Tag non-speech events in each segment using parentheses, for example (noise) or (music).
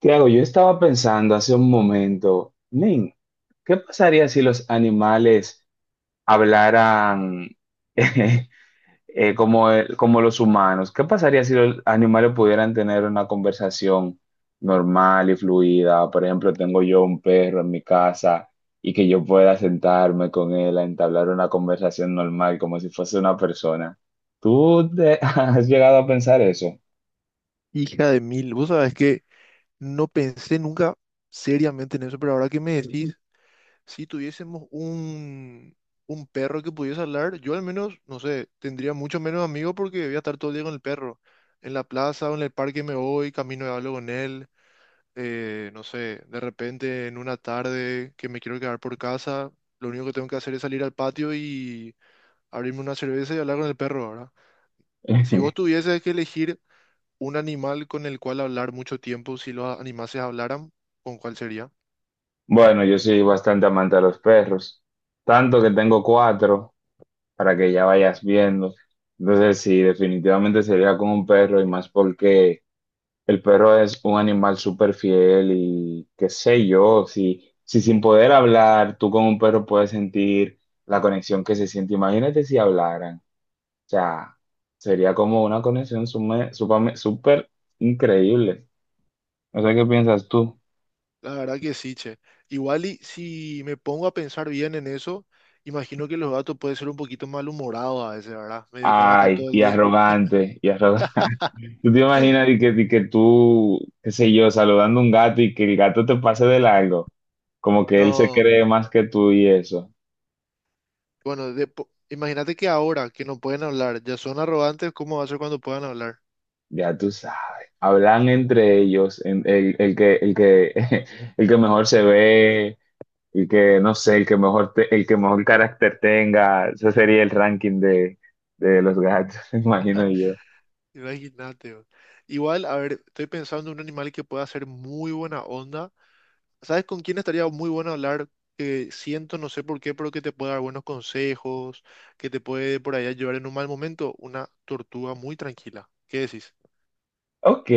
Tiago, yo estaba pensando hace un momento, men, ¿qué pasaría si los animales hablaran? (laughs) eh, ¿Como los humanos? ¿Qué pasaría si los animales pudieran tener una conversación normal y fluida? Por ejemplo, tengo yo un perro en mi casa y que yo pueda sentarme con él a entablar una conversación normal como si fuese una persona. (laughs) Has llegado a pensar eso? Hija de mil, vos sabés que no pensé nunca seriamente en eso, pero ahora que me decís, si tuviésemos un perro que pudiese hablar, yo al menos, no sé, tendría mucho menos amigos porque voy a estar todo el día con el perro. En la plaza o en el parque me voy, camino y hablo con él, no sé, de repente en una tarde que me quiero quedar por casa, lo único que tengo que hacer es salir al patio y abrirme una cerveza y hablar con el perro, ¿verdad? Si vos (laughs) tuvieses que elegir un animal con el cual hablar mucho tiempo, si los animales hablaran, ¿con cuál sería? Bueno, yo soy bastante amante de los perros, tanto que tengo cuatro para que ya vayas viendo. Entonces, sí, definitivamente sería con un perro, y más porque el perro es un animal súper fiel y qué sé yo. Si sin poder hablar, tú con un perro puedes sentir la conexión que se siente. Imagínate si hablaran, o sea, sería como una conexión súper increíble. No sé qué piensas tú. La verdad que sí, che. Igual y si me pongo a pensar bien en eso, imagino que los gatos pueden ser un poquito malhumorados a veces, ¿verdad? Medio que van a estar Ay, todo el y día. arrogante, y arrogante. ¿Tú te imaginas (laughs) y que tú, qué sé yo, saludando a un gato y que el gato te pase de largo? Como que él se No, cree más que tú y eso. bueno, imagínate que ahora que no pueden hablar, ya son arrogantes, ¿cómo va a ser cuando puedan hablar? Ya tú sabes. Hablan entre ellos, (laughs) el que mejor se ve, el que, no sé, el que mejor carácter tenga. Ese sería el ranking de los gatos, (laughs) me imagino yo. Imagínate, bro. Igual, a ver, estoy pensando en un animal que pueda ser muy buena onda. ¿Sabes con quién estaría muy bueno hablar? Que siento, no sé por qué, pero que te puede dar buenos consejos, que te puede por ahí ayudar en un mal momento. Una tortuga muy tranquila. ¿Qué decís? Ok,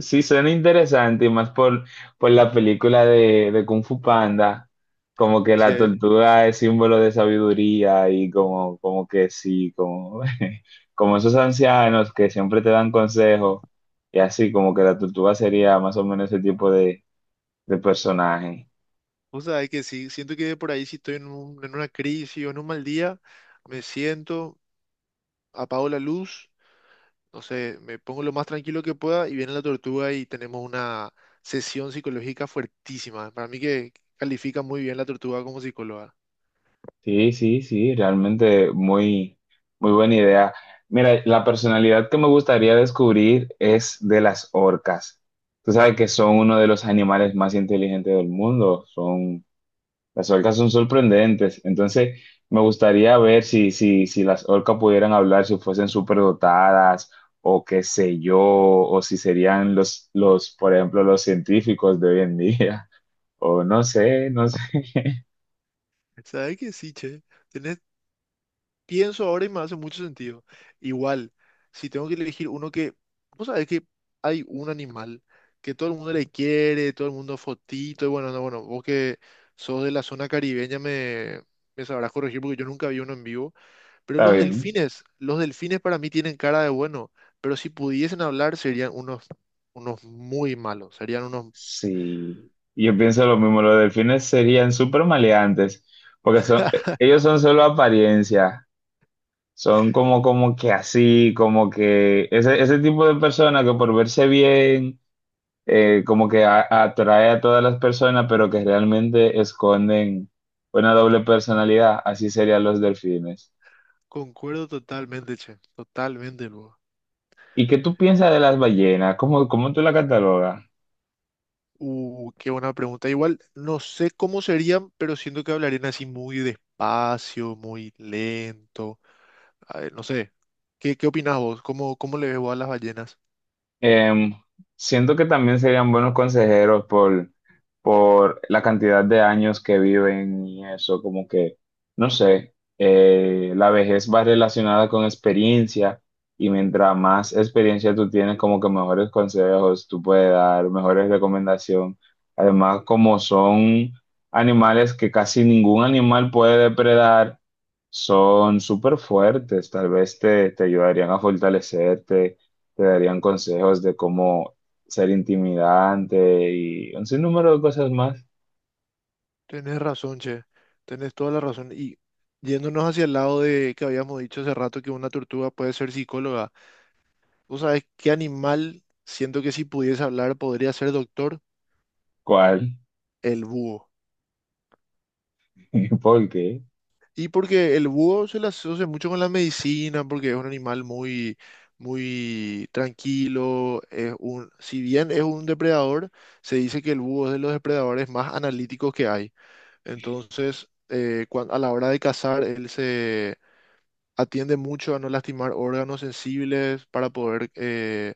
sí suena interesante, y más por la película de Kung Fu Panda. Como que Sí, la eh. tortuga es símbolo de sabiduría y como, como que sí, como, (laughs) como esos ancianos que siempre te dan consejos, y así como que la tortuga sería más o menos ese tipo de personaje. O sea, es que sí, siento que por ahí si estoy en en una crisis o en un mal día, me siento, apago la luz, no sé, me pongo lo más tranquilo que pueda y viene la tortuga y tenemos una sesión psicológica fuertísima. Para mí que califica muy bien la tortuga como psicóloga. Sí, sí, sí, realmente muy, muy buena idea. Mira, la personalidad que me gustaría descubrir es de las orcas. Tú sabes que son uno de los animales más inteligentes del mundo. Son, las orcas son sorprendentes. Entonces, me gustaría ver si, si las orcas pudieran hablar, si fuesen superdotadas, o qué sé yo, o si serían los, por ejemplo, los científicos de hoy en día. (laughs) O no sé, no sé. (laughs) ¿Sabes qué? Sí, che. Tenés, pienso ahora y me hace mucho sentido. Igual, si tengo que elegir uno que, vos sabés que hay un animal que todo el mundo le quiere, todo el mundo fotito, y bueno, no, bueno, vos que sos de la zona caribeña me sabrás corregir porque yo nunca vi uno en vivo, pero Está bien. Los delfines para mí tienen cara de bueno, pero si pudiesen hablar serían unos, unos muy malos, serían unos... Sí, yo pienso lo mismo, los delfines serían súper maleantes, porque son, (laughs) ellos son solo apariencia, son como, como que así, como que ese tipo de persona que por verse bien, como que atrae a todas las personas, pero que realmente esconden una doble personalidad. Así serían los delfines. Concuerdo totalmente, che, totalmente, luego. ¿Y qué tú piensas de las ballenas? ¿Cómo, cómo tú la catalogas? Qué buena pregunta. Igual no sé cómo serían, pero siento que hablarían así muy despacio, muy lento. A ver, no sé. ¿Qué, qué opinás vos? ¿Cómo, cómo le ves vos a las ballenas? Em, Siento que también serían buenos consejeros por la cantidad de años que viven y eso, como que, no sé, la vejez va relacionada con experiencia, y mientras más experiencia tú tienes, como que mejores consejos tú puedes dar, mejores recomendaciones. Además, como son animales que casi ningún animal puede depredar, son súper fuertes. Tal vez te, te ayudarían a fortalecerte, te darían consejos de cómo ser intimidante y un sinnúmero de cosas más. Tenés razón, che. Tenés toda la razón. Y yéndonos hacia el lado de que habíamos dicho hace rato que una tortuga puede ser psicóloga. ¿Vos sabés qué animal siento que si pudiese hablar podría ser doctor? ¿Cuál? El búho. (laughs) ¿Y por qué? Y porque el búho se le asocia mucho con la medicina, porque es un animal muy, muy tranquilo. Es un, si bien es un depredador, se dice que el búho es de los depredadores más analíticos que hay. Entonces, a la hora de cazar, él se atiende mucho a no lastimar órganos sensibles para poder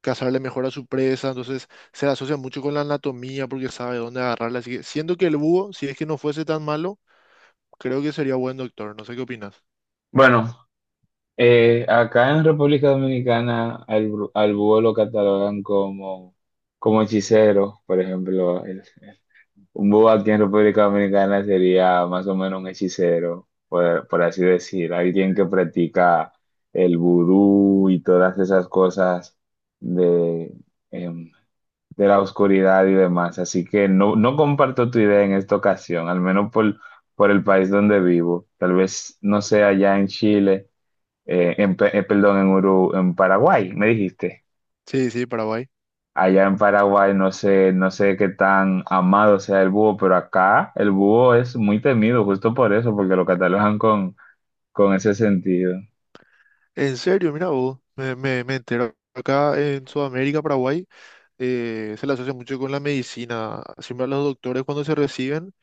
cazarle mejor a su presa. Entonces, se le asocia mucho con la anatomía porque sabe dónde agarrarla. Así que, siendo que el búho, si es que no fuese tan malo, creo que sería buen doctor. No sé qué opinas. Bueno, acá en República Dominicana al, al búho lo catalogan como, como hechicero, por ejemplo. Un búho aquí en República Dominicana sería más o menos un hechicero, por así decir, alguien que practica el vudú y todas esas cosas de, em, de la oscuridad y demás. Así que no, no comparto tu idea en esta ocasión, al menos por el país donde vivo. Tal vez no sea allá en Chile, perdón, en en Paraguay, me dijiste. Sí, sí, Paraguay. Allá en Paraguay no sé, no sé qué tan amado sea el búho, pero acá el búho es muy temido, justo por eso, porque lo catalogan con ese sentido. En serio, mira vos, me entero. Acá en Sudamérica, Paraguay, se le asocia mucho con la medicina. Siempre a los doctores cuando se reciben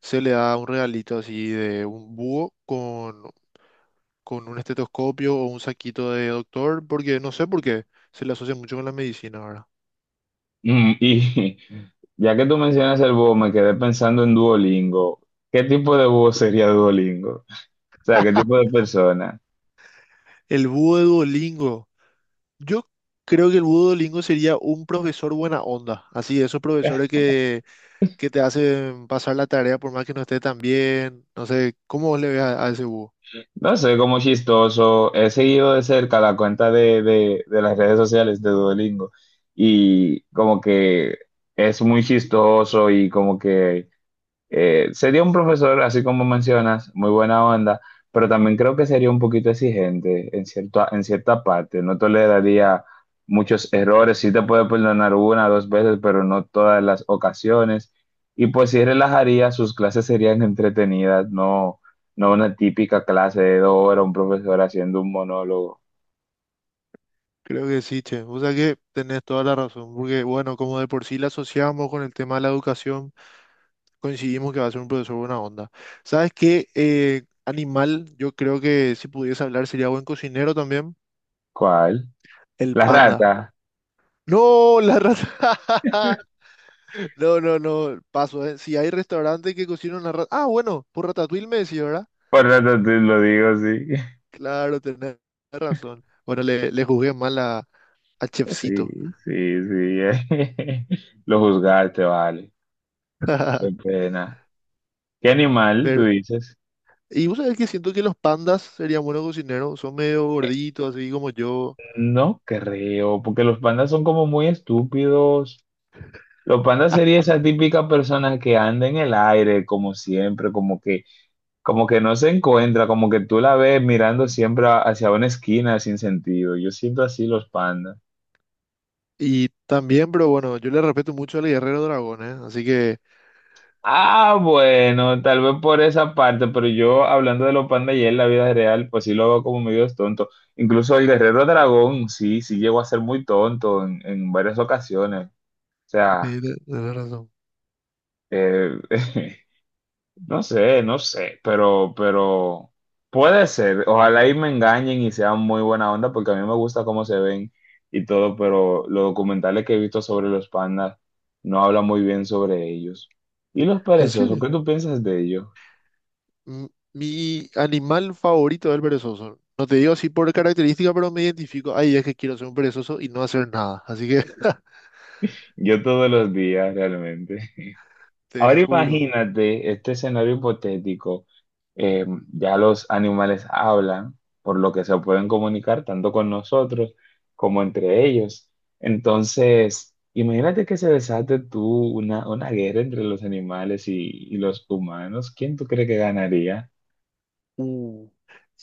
se le da un regalito así de un búho con un estetoscopio o un saquito de doctor, porque no sé por qué se le asocia mucho con la medicina ahora. Mm, y (laughs) ya que tú mencionas el búho, me quedé pensando en Duolingo. ¿Qué tipo de búho sería Duolingo? O sea, ¿qué tipo de persona? El búho de Duolingo. Yo creo que el búho de Duolingo sería un profesor buena onda. Así, esos profesores que te hacen pasar la tarea por más que no esté tan bien. No sé, ¿cómo vos le ves a ese búho? No sé, como chistoso. He seguido de cerca la cuenta de las redes sociales de Duolingo, y como que es muy chistoso, y como que sería un profesor, así como mencionas, muy buena onda, pero también creo que sería un poquito exigente en cierta parte. No toleraría muchos errores, sí te puede perdonar una o dos veces, pero no todas las ocasiones. Y pues sí relajaría, sus clases serían entretenidas, no, no una típica clase de dos horas, un profesor haciendo un monólogo. Creo que sí, che. O sea que tenés toda la razón, porque bueno, como de por sí la asociamos con el tema de la educación, coincidimos que va a ser un profesor buena onda. ¿Sabes qué? Animal, yo creo que si pudiese hablar sería buen cocinero también. ¿Cuál? El La panda. rata. No, la rata. (laughs) No, no, no, paso, eh. Si hay restaurantes que cocinan la rata. Ah, bueno, por Ratatouille me decía, ¿verdad? Por rata te lo digo, sí. (laughs) Claro, tenés razón. Bueno, le juzgué mal a Chefcito. Sí, sí, sí. (laughs) Lo juzgaste, vale. Qué (laughs) pena. ¿Qué animal tú Pero, dices? y vos sabés que siento que los pandas serían buenos cocineros, son medio gorditos, así como yo. No creo, porque los pandas son como muy estúpidos. Los pandas sería esa típica persona que anda en el aire, como siempre, como que no se encuentra, como que tú la ves mirando siempre hacia una esquina sin sentido. Yo siento así los pandas. Y también, pero bueno, yo le respeto mucho al guerrero dragón, ¿eh? Así que, Ah, bueno, tal vez por esa parte, pero yo hablando de los pandas y en la vida real, pues sí lo hago como medio tonto. Incluso el guerrero dragón, sí, sí llegó a ser muy tonto en varias ocasiones. Sea, tenés razón. eh, (laughs) no sé, no sé, pero puede ser. Ojalá y me engañen y sean muy buena onda, porque a mí me gusta cómo se ven y todo, pero los documentales que he visto sobre los pandas no hablan muy bien sobre ellos. ¿Y los ¿En perezosos? serio? ¿Qué tú piensas de ellos? Mm, mi animal favorito es el perezoso. No te digo así por característica, pero me identifico. Ay, es que quiero ser un perezoso y no hacer nada. Así que, (laughs) Yo todos los días, realmente. te Ahora juro. imagínate este escenario hipotético. eh, ya los animales hablan, por lo que se pueden comunicar tanto con nosotros como entre ellos. Entonces, imagínate que se desate tú una guerra entre los animales y los humanos. ¿Quién tú crees que ganaría? Uh,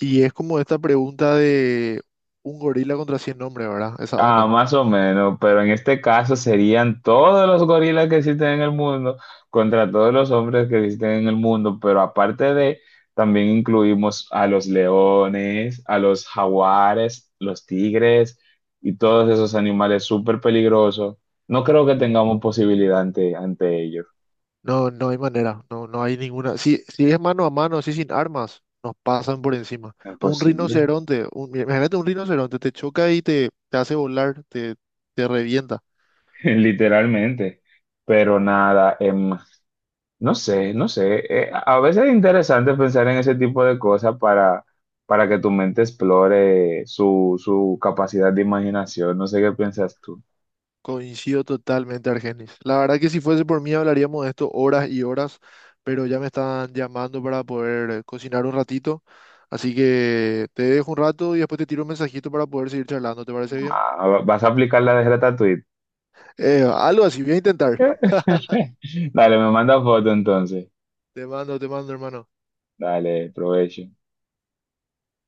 y es como esta pregunta de un gorila contra 100 hombres, ¿verdad? Esa Ah, onda. más o menos, pero en este caso serían todos los gorilas que existen en el mundo contra todos los hombres que existen en el mundo, pero aparte de, también incluimos a los leones, a los jaguares, los tigres y todos esos animales súper peligrosos. No creo que tengamos posibilidad ante, ante ellos. No, no hay manera, no, no hay ninguna. Si, si es mano a mano, así sin armas, nos pasan por encima. Un Imposible, rinoceronte, imagínate un rinoceronte, te choca y te hace volar, te revienta. (laughs) literalmente. Pero nada, no sé, no sé. A veces es interesante pensar en ese tipo de cosas para que tu mente explore su, su capacidad de imaginación. No sé qué piensas tú. Coincido totalmente, Argenis. La verdad que si fuese por mí hablaríamos de esto horas y horas, pero ya me están llamando para poder cocinar un ratito. Así que te dejo un rato y después te tiro un mensajito para poder seguir charlando. ¿Te parece bien? Ah, ¿vas a aplicar la de Ratatouille? Algo así, voy a intentar. (laughs) Dale, me manda foto entonces. Te mando, hermano. Dale, provecho.